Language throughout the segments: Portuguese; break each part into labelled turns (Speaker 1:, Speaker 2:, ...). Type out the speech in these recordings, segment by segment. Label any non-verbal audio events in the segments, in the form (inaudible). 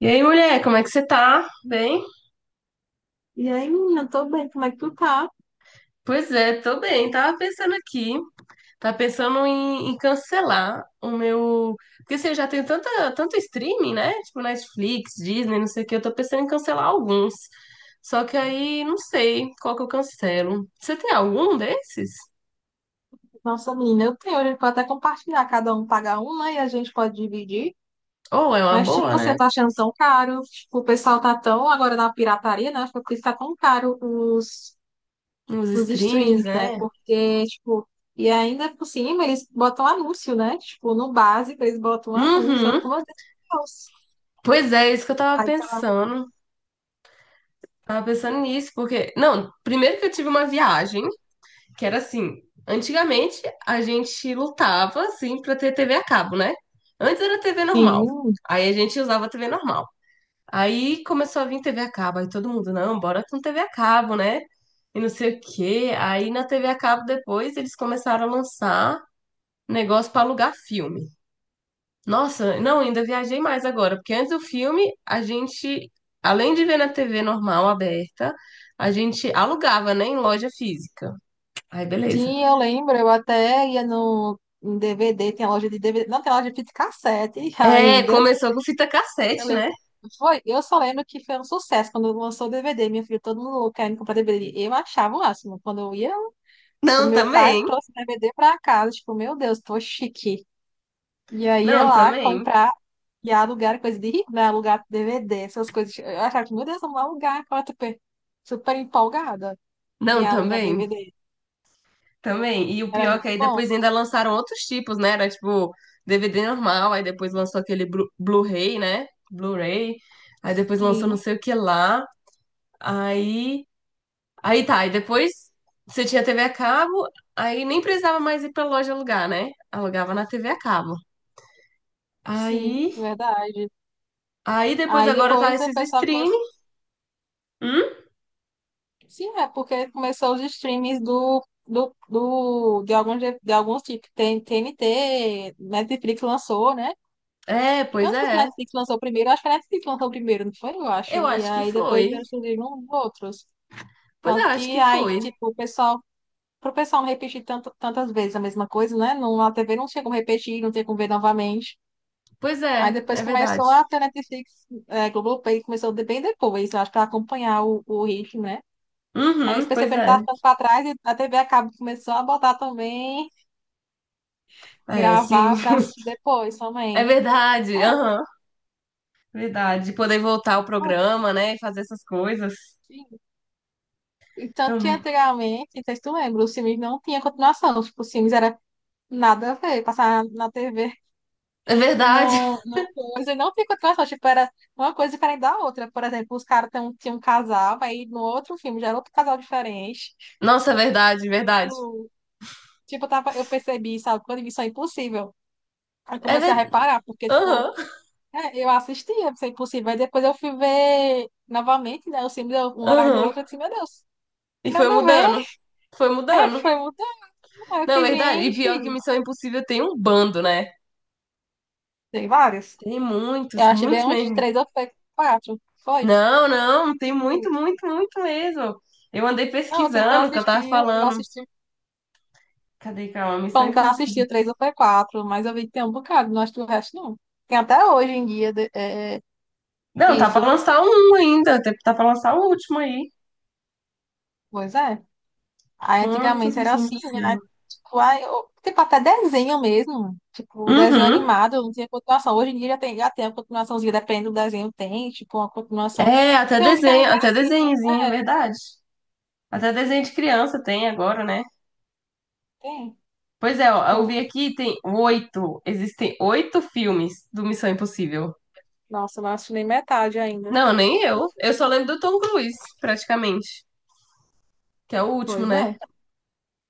Speaker 1: E aí, mulher, como é que você tá? Bem?
Speaker 2: E aí, menina, eu tô bem, como é que tu tá?
Speaker 1: Pois é, tô bem. Tava pensando aqui, tava pensando em cancelar o meu. Porque assim, eu já tenho tanto streaming, né? Tipo Netflix, Disney, não sei o que. Eu tô pensando em cancelar alguns. Só que aí não sei qual que eu cancelo. Você tem algum desses?
Speaker 2: Nossa, menina, eu tenho, a gente pode até compartilhar, cada um paga um, né, e a gente pode dividir.
Speaker 1: Ou é uma
Speaker 2: Mas, tipo,
Speaker 1: boa,
Speaker 2: você
Speaker 1: né?
Speaker 2: tá achando tão caro, tipo, o pessoal tá tão agora na pirataria, né, acho que por isso tá tão caro os,
Speaker 1: Nos
Speaker 2: os
Speaker 1: streams,
Speaker 2: streams, né,
Speaker 1: né?
Speaker 2: porque, tipo, e ainda por cima eles botam anúncio, né, tipo, no básico eles botam anúncio, eu
Speaker 1: Uhum.
Speaker 2: fico, meu Deus.
Speaker 1: Pois é, isso que eu tava
Speaker 2: Aí tá.
Speaker 1: pensando. Tava pensando nisso, porque. Não, primeiro que eu tive uma viagem. Que era assim, antigamente a gente lutava assim para ter TV a cabo, né? Antes era TV normal.
Speaker 2: Sim,
Speaker 1: Aí a gente usava TV normal. Aí começou a vir TV a cabo, aí todo mundo, não, bora com TV a cabo, né? E não sei o quê. Aí na TV a cabo depois eles começaram a lançar negócio para alugar filme. Nossa, não, ainda viajei mais agora, porque antes do filme a gente, além de ver na TV normal aberta, a gente alugava, né, em loja física. Aí beleza.
Speaker 2: sim, eu lembro. Eu até ia no em DVD, tem a loja de DVD, não tem loja de fita cassete (laughs)
Speaker 1: É,
Speaker 2: ainda.
Speaker 1: começou com fita
Speaker 2: Eu
Speaker 1: cassete,
Speaker 2: lembro.
Speaker 1: né?
Speaker 2: Foi, eu só lembro que foi um sucesso quando lançou o DVD. Minha filha, todo mundo louco querendo comprar DVD. Eu achava o máximo. Quando
Speaker 1: Não,
Speaker 2: meu pai
Speaker 1: também.
Speaker 2: trouxe o DVD pra casa, tipo, meu Deus, tô chique. E aí ia
Speaker 1: Não,
Speaker 2: lá
Speaker 1: também.
Speaker 2: comprar e alugar coisa de rico, né? Alugar DVD, essas coisas. Eu achava que, meu Deus, vamos alugar. Eu tava super, super empolgada em
Speaker 1: Não,
Speaker 2: alugar
Speaker 1: também.
Speaker 2: DVD.
Speaker 1: Também. E o
Speaker 2: Era
Speaker 1: pior é que
Speaker 2: muito
Speaker 1: aí
Speaker 2: bom.
Speaker 1: depois ainda lançaram outros tipos, né? Era tipo DVD normal, aí depois lançou aquele Blu-ray, né? Blu-ray. Aí depois lançou não
Speaker 2: Sim,
Speaker 1: sei o que lá. Aí. Aí tá. Aí depois você tinha TV a cabo, aí nem precisava mais ir pra loja alugar, né? Alugava na TV a cabo.
Speaker 2: sim,
Speaker 1: Aí.
Speaker 2: verdade.
Speaker 1: Aí depois
Speaker 2: Aí
Speaker 1: agora tá
Speaker 2: depois o
Speaker 1: esses
Speaker 2: pessoal
Speaker 1: streaming.
Speaker 2: começou.
Speaker 1: Hum?
Speaker 2: Sim, é porque começou os streams de alguns tipos. Tem TNT, Netflix lançou, né?
Speaker 1: É,
Speaker 2: Eu
Speaker 1: pois
Speaker 2: não sei se
Speaker 1: é.
Speaker 2: Netflix lançou primeiro, acho que a Netflix lançou primeiro, não foi? Eu
Speaker 1: Eu
Speaker 2: acho. E
Speaker 1: acho que
Speaker 2: aí depois
Speaker 1: foi.
Speaker 2: vieram surgindo uns outros.
Speaker 1: Pois é,
Speaker 2: Tanto
Speaker 1: acho
Speaker 2: que
Speaker 1: que
Speaker 2: aí,
Speaker 1: foi.
Speaker 2: tipo, o pessoal, pro pessoal não repetir tanto, tantas vezes a mesma coisa, né? Não, a TV não tinha como repetir, não tinha como ver novamente.
Speaker 1: Pois
Speaker 2: Aí
Speaker 1: é,
Speaker 2: depois
Speaker 1: é verdade.
Speaker 2: começou a ter Netflix, é, Globoplay começou bem depois, eu acho, pra acompanhar o ritmo, né? Aí eles
Speaker 1: Uhum, pois
Speaker 2: perceberam que
Speaker 1: é.
Speaker 2: estava ficando para trás e a TV a cabo começou a botar também,
Speaker 1: É, sim.
Speaker 2: gravar para depois
Speaker 1: É
Speaker 2: também. É,
Speaker 1: verdade. Aham. Verdade. Poder voltar ao
Speaker 2: foi.
Speaker 1: programa, né? E fazer essas coisas.
Speaker 2: Sim. E tanto que
Speaker 1: Uhum.
Speaker 2: anteriormente, não sei se tu lembra, os filmes não tinha continuação. Tipo, os filmes era nada a ver, passar na TV
Speaker 1: É verdade.
Speaker 2: não, não coisa, não tinha continuação. Tipo, era uma coisa diferente da outra. Por exemplo, os caras tinham um casal, aí no outro filme já era outro casal diferente.
Speaker 1: Nossa, é verdade, verdade.
Speaker 2: Tipo, eu percebi, sabe, quando vi Missão Impossível. Aí
Speaker 1: É
Speaker 2: comecei a
Speaker 1: verdade.
Speaker 2: reparar, porque, tipo,
Speaker 1: Aham.
Speaker 2: é, eu assistia, se possível. Aí depois eu fui ver novamente, né? Os filmes um atrás do
Speaker 1: Aham.
Speaker 2: outro. Eu disse, meu Deus,
Speaker 1: E foi
Speaker 2: nada a ver.
Speaker 1: mudando. Foi
Speaker 2: (laughs) Aí
Speaker 1: mudando.
Speaker 2: foi mudando. Aí eu
Speaker 1: Não,
Speaker 2: fiquei,
Speaker 1: é verdade. E pior que
Speaker 2: gente.
Speaker 1: Missão Impossível tem um bando, né?
Speaker 2: Tem várias.
Speaker 1: Tem muitos,
Speaker 2: Eu achei
Speaker 1: muitos
Speaker 2: bem uns
Speaker 1: mesmo.
Speaker 2: três ou foi quatro. Foi.
Speaker 1: Não, não, tem muito,
Speaker 2: Tipo,
Speaker 1: muito, muito mesmo. Eu andei
Speaker 2: não, sendo que eu
Speaker 1: pesquisando o que eu
Speaker 2: assisti,
Speaker 1: tava
Speaker 2: eu não
Speaker 1: falando.
Speaker 2: assisti.
Speaker 1: Cadê, calma? Missão
Speaker 2: Falando que eu não
Speaker 1: Impossível.
Speaker 2: assisti o três ou foi quatro, mas eu vi que tem um bocado, não acho que o resto não. Tem até hoje em dia é,
Speaker 1: Não, tá pra
Speaker 2: isso.
Speaker 1: lançar um ainda. Tá pra lançar o último aí.
Speaker 2: Pois é. Aí
Speaker 1: Quantas
Speaker 2: antigamente era
Speaker 1: missões
Speaker 2: assim, aí,
Speaker 1: do
Speaker 2: tipo, aí, tipo, até desenho mesmo, tipo, desenho
Speaker 1: Uhum.
Speaker 2: animado, não tinha continuação. Hoje em dia já tem a continuaçãozinha, dependendo do desenho, tem, tipo, uma continuação.
Speaker 1: É, até
Speaker 2: Tem uns que
Speaker 1: desenho,
Speaker 2: ainda é
Speaker 1: até
Speaker 2: assim, né?
Speaker 1: desenhozinho, verdade. Até desenho de criança tem agora, né?
Speaker 2: Tem.
Speaker 1: Pois é, ó, eu vi
Speaker 2: Tipo,
Speaker 1: aqui, tem oito. Existem oito filmes do Missão Impossível.
Speaker 2: nossa, eu não assinei metade ainda.
Speaker 1: Não, nem eu. Eu só lembro do Tom Cruise, praticamente. Que é o último,
Speaker 2: Pois
Speaker 1: né?
Speaker 2: é.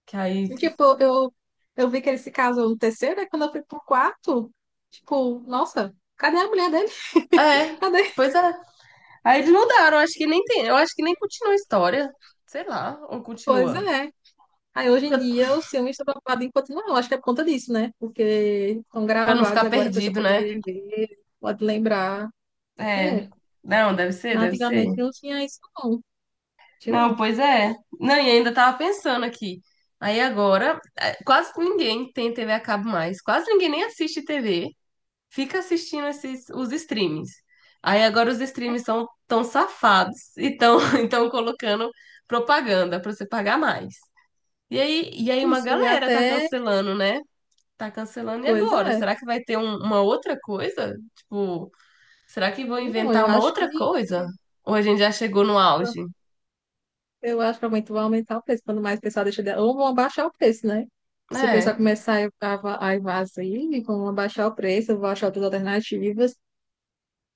Speaker 1: Que aí.
Speaker 2: E, tipo, eu vi que ele se casou no terceiro, aí quando eu fui pro quarto, tipo, nossa, cadê a mulher dele?
Speaker 1: É,
Speaker 2: (laughs) Cadê?
Speaker 1: pois é. Aí eles mudaram, acho que nem tem. Eu acho que nem continua a história. Sei lá, ou
Speaker 2: Pois
Speaker 1: continua.
Speaker 2: é. Aí hoje em
Speaker 1: Pra
Speaker 2: dia os filmes estão preocupados em continuar, eu acho que é por conta disso, né? Porque estão
Speaker 1: Pra não
Speaker 2: gravados,
Speaker 1: ficar
Speaker 2: agora a pessoa
Speaker 1: perdido,
Speaker 2: pode
Speaker 1: né?
Speaker 2: rever, pode lembrar.
Speaker 1: É.
Speaker 2: É,
Speaker 1: Não, deve ser, deve ser.
Speaker 2: antigamente não tinha isso não, tinha
Speaker 1: Não,
Speaker 2: não.
Speaker 1: pois é. Não, e ainda tava pensando aqui. Aí agora, é, quase ninguém tem TV a cabo mais. Quase ninguém nem assiste TV. Fica assistindo esses, os streams. Aí agora os streams são tão safados e estão tão, (laughs) então colocando propaganda pra você pagar mais. E aí uma
Speaker 2: Isso, e
Speaker 1: galera tá
Speaker 2: até,
Speaker 1: cancelando, né? Tá cancelando e
Speaker 2: pois
Speaker 1: agora?
Speaker 2: é,
Speaker 1: Será que vai ter uma outra coisa? Tipo. Será que vão
Speaker 2: não,
Speaker 1: inventar
Speaker 2: eu
Speaker 1: uma
Speaker 2: acho que
Speaker 1: outra coisa? Ou a gente já chegou no auge?
Speaker 2: vai aumentar o preço, quando mais o pessoal deixa de... Ou vão abaixar o preço, né? Se o pessoal
Speaker 1: É,
Speaker 2: começar a invadir, vão abaixar o preço, vão achar outras alternativas.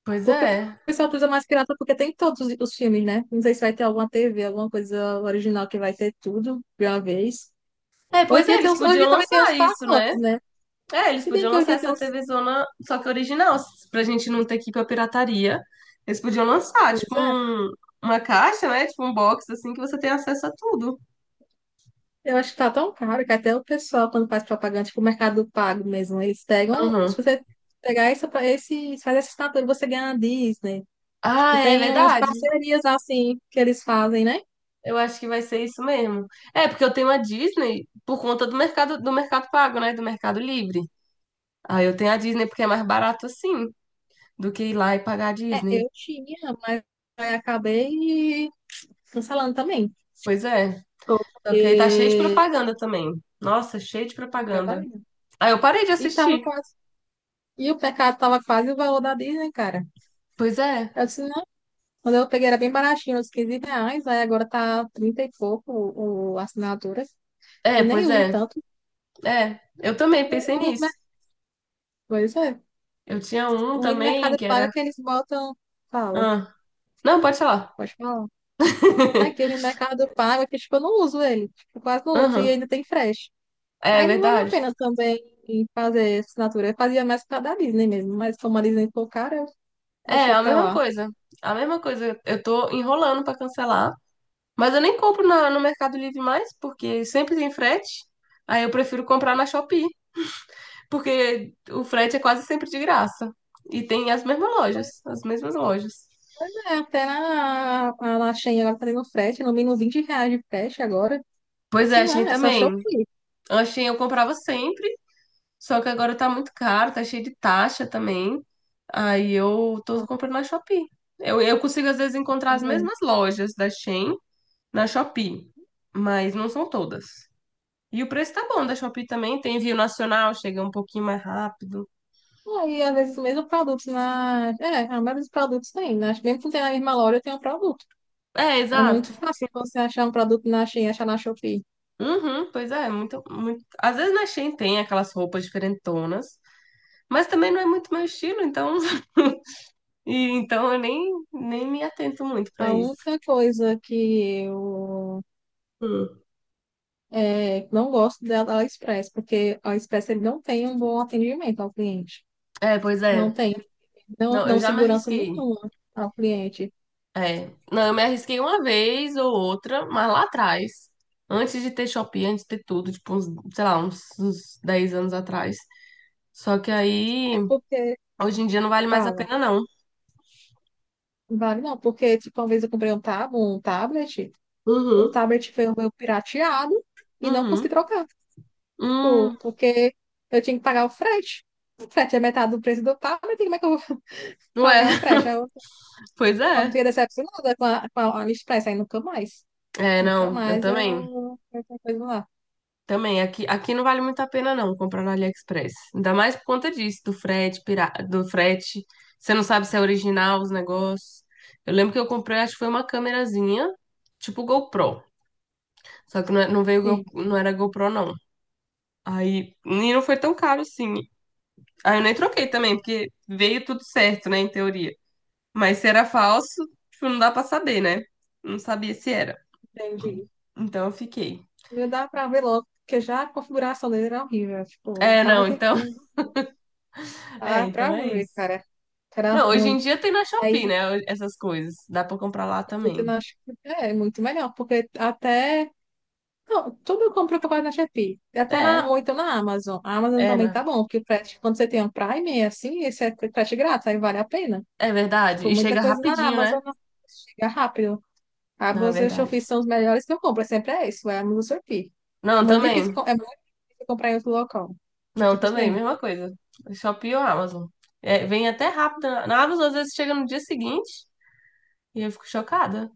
Speaker 1: pois
Speaker 2: Porque o
Speaker 1: é.
Speaker 2: pessoal utiliza mais pirata porque tem todos os filmes, né? Não sei se vai ter alguma TV, alguma coisa original que vai ter tudo de uma vez.
Speaker 1: É,
Speaker 2: Hoje em
Speaker 1: pois é,
Speaker 2: dia tem
Speaker 1: eles
Speaker 2: uns, hoje em
Speaker 1: podiam
Speaker 2: dia também tem
Speaker 1: lançar
Speaker 2: uns
Speaker 1: isso,
Speaker 2: pacotes,
Speaker 1: né?
Speaker 2: né?
Speaker 1: É, eles
Speaker 2: Se bem
Speaker 1: podiam
Speaker 2: que hoje em
Speaker 1: lançar
Speaker 2: dia tem
Speaker 1: essa
Speaker 2: uns.
Speaker 1: TV Zona, só que original, pra gente não ter que ir pra pirataria. Eles podiam lançar,
Speaker 2: Pois
Speaker 1: tipo,
Speaker 2: é.
Speaker 1: um, uma caixa, né? Tipo, um box, assim, que você tem acesso a tudo.
Speaker 2: Eu acho que tá tão caro que até o pessoal, quando faz propaganda, tipo o Mercado Pago mesmo, eles pegam.
Speaker 1: Aham.
Speaker 2: Se você pegar faz essa assinatura, você ganha a Disney. Tipo,
Speaker 1: Ah, é
Speaker 2: tem umas
Speaker 1: verdade.
Speaker 2: parcerias assim que eles fazem, né?
Speaker 1: Eu acho que vai ser isso mesmo. É, porque eu tenho a Disney por conta do mercado pago, né? Do Mercado Livre. Ah, eu tenho a Disney porque é mais barato assim, do que ir lá e pagar a
Speaker 2: É,
Speaker 1: Disney.
Speaker 2: eu tinha, mas aí acabei cancelando também.
Speaker 1: Pois é. Só que aí tá cheio de
Speaker 2: Porque
Speaker 1: propaganda também. Nossa, cheio de
Speaker 2: fui
Speaker 1: propaganda.
Speaker 2: trabalhar.
Speaker 1: Aí eu parei de
Speaker 2: E tava
Speaker 1: assistir.
Speaker 2: quase. E o pecado tava quase o valor da Disney, cara.
Speaker 1: Pois é.
Speaker 2: Eu disse, não. Quando eu peguei era bem baratinho, uns R$ 15, aí agora tá 30 e pouco o assinatura.
Speaker 1: É,
Speaker 2: E nem
Speaker 1: pois
Speaker 2: uso
Speaker 1: é.
Speaker 2: tanto,
Speaker 1: É, eu também
Speaker 2: porque
Speaker 1: pensei
Speaker 2: o ruim do mer-
Speaker 1: nisso.
Speaker 2: Pois é.
Speaker 1: Eu tinha um
Speaker 2: O ruim do
Speaker 1: também
Speaker 2: Mercado
Speaker 1: que
Speaker 2: Pago é
Speaker 1: era.
Speaker 2: que eles botam. Fala,
Speaker 1: Ah. Não, pode falar.
Speaker 2: pode falar. Não é que o ruim
Speaker 1: (laughs)
Speaker 2: do Mercado Pago é que, tipo, eu não uso ele. Tipo, quase não uso e
Speaker 1: Aham.
Speaker 2: ainda tem frete.
Speaker 1: É
Speaker 2: Aí não vale a
Speaker 1: verdade.
Speaker 2: pena também fazer assinatura. Eu fazia mais pra da Disney mesmo, mas como a Disney ficou cara, eu
Speaker 1: É,
Speaker 2: deixei
Speaker 1: a
Speaker 2: pra
Speaker 1: mesma
Speaker 2: lá.
Speaker 1: coisa. A mesma coisa. Eu tô enrolando pra cancelar. Mas eu nem compro no Mercado Livre mais, porque sempre tem frete. Aí eu prefiro comprar na Shopee. Porque o frete é quase sempre de graça. E tem as mesmas lojas.
Speaker 2: Pois é, a laxinha ela tá tendo frete, no mínimo R$ 20 de frete agora. Eu
Speaker 1: Pois
Speaker 2: disse,
Speaker 1: é, Shein
Speaker 2: não, é só
Speaker 1: também.
Speaker 2: Shopee.
Speaker 1: A Shein eu comprava sempre, só que agora tá muito caro, tá cheio de taxa também. Aí eu tô
Speaker 2: Ah,
Speaker 1: comprando na Shopee. Eu consigo às vezes encontrar
Speaker 2: tá
Speaker 1: as
Speaker 2: vendo?
Speaker 1: mesmas lojas da Shein na Shopee, mas não são todas. E o preço tá bom da Shopee também, tem envio nacional, chega um pouquinho mais rápido.
Speaker 2: Aí, às vezes, o mesmo produto na... É, a maioria dos produtos tem. Né? Mesmo que não tenha na mesma loja, tem um produto.
Speaker 1: É,
Speaker 2: É muito
Speaker 1: exato.
Speaker 2: fácil você achar um produto na Shein, achar na Shopee.
Speaker 1: Uhum, pois é, muito, muito. Às vezes na Shein tem aquelas roupas diferentonas, mas também não é muito meu estilo, então. (laughs) E então eu nem me atento muito
Speaker 2: A
Speaker 1: pra isso.
Speaker 2: única coisa que eu
Speaker 1: Hum.
Speaker 2: é, não gosto da AliExpress, porque a AliExpress ele não tem um bom atendimento ao cliente.
Speaker 1: É, pois
Speaker 2: Não
Speaker 1: é.
Speaker 2: tem. Não,
Speaker 1: Não, eu
Speaker 2: não
Speaker 1: já me
Speaker 2: segurança
Speaker 1: arrisquei.
Speaker 2: nenhuma ao cliente.
Speaker 1: É. Não, eu me arrisquei uma vez ou outra, mas lá atrás, antes de ter Shopee, antes de ter tudo, tipo, uns, sei lá, uns 10 anos atrás. Só que aí,
Speaker 2: É porque...
Speaker 1: hoje em dia não vale mais a
Speaker 2: Fala.
Speaker 1: pena, não.
Speaker 2: Vale não, porque tipo, uma vez eu comprei um, tab um tablet, o
Speaker 1: Uhum.
Speaker 2: tablet foi o meu pirateado e não consegui
Speaker 1: Uhum.
Speaker 2: trocar, tipo,
Speaker 1: Hum.
Speaker 2: porque eu tinha que pagar o frete. O frete é metade do preço do tablet, como é que eu vou (laughs)
Speaker 1: Ué,
Speaker 2: pagar o
Speaker 1: (laughs)
Speaker 2: frete? Aí eu
Speaker 1: pois é.
Speaker 2: fiquei decepcionada com a AliExpress, aí nunca mais.
Speaker 1: É,
Speaker 2: Nunca
Speaker 1: não, eu
Speaker 2: mais
Speaker 1: também.
Speaker 2: eu coisa lá.
Speaker 1: Também. Aqui não vale muito a pena, não, comprar no AliExpress. Ainda mais por conta disso, do frete, do frete. Você não sabe se é original os negócios. Eu lembro que eu comprei, acho que foi uma câmerazinha, tipo GoPro. Só que não, não veio,
Speaker 2: Sim,
Speaker 1: não era GoPro, não. Aí, e não foi tão caro assim. Aí eu nem troquei também, porque veio tudo certo, né, em teoria. Mas se era falso, tipo, não dá pra saber, né? Não sabia se era.
Speaker 2: entendi.
Speaker 1: Então eu fiquei.
Speaker 2: Não dá pra ver logo, porque já a configuração dele era horrível. Tipo, o
Speaker 1: É, não,
Speaker 2: tablet é
Speaker 1: então.
Speaker 2: ruim.
Speaker 1: (laughs) É,
Speaker 2: Ah,
Speaker 1: então
Speaker 2: pra
Speaker 1: é
Speaker 2: ver,
Speaker 1: isso.
Speaker 2: cara. Era
Speaker 1: Não, hoje em
Speaker 2: ruim.
Speaker 1: dia tem na Shopee,
Speaker 2: Aí
Speaker 1: né? Essas coisas. Dá pra comprar lá
Speaker 2: eu
Speaker 1: também.
Speaker 2: acho que é muito melhor, porque até. Não, tudo eu compro pacote na Shopee. Até na,
Speaker 1: É,
Speaker 2: ou então na Amazon. A Amazon
Speaker 1: é,
Speaker 2: também
Speaker 1: né?
Speaker 2: tá bom, porque o frete, quando você tem um Prime, é assim, esse é frete grátis, aí vale a pena.
Speaker 1: É verdade.
Speaker 2: Tipo,
Speaker 1: E
Speaker 2: muita
Speaker 1: chega
Speaker 2: coisa na
Speaker 1: rapidinho, né?
Speaker 2: Amazon não chega rápido. A
Speaker 1: Não, é
Speaker 2: Amazon e o
Speaker 1: verdade.
Speaker 2: Shopee são os melhores que eu compro, sempre é isso, é a Amazon e o Shopee.
Speaker 1: Não,
Speaker 2: Muito difícil,
Speaker 1: também.
Speaker 2: é muito difícil comprar em outro local. Muito
Speaker 1: Não,
Speaker 2: difícil
Speaker 1: também,
Speaker 2: mesmo.
Speaker 1: mesma coisa. Shopee ou Amazon. É, vem até rápido. Na Amazon, às vezes, chega no dia seguinte e eu fico chocada.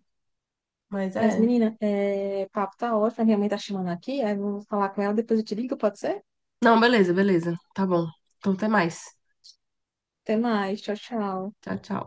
Speaker 1: Mas
Speaker 2: Mas,
Speaker 1: é.
Speaker 2: menina, é, o papo tá ótimo, a minha mãe tá chamando aqui, aí eu vou falar com ela, depois eu te ligo, pode ser?
Speaker 1: Não, beleza, beleza. Tá bom. Então, até mais.
Speaker 2: Até mais, tchau, tchau.
Speaker 1: Tchau, tchau.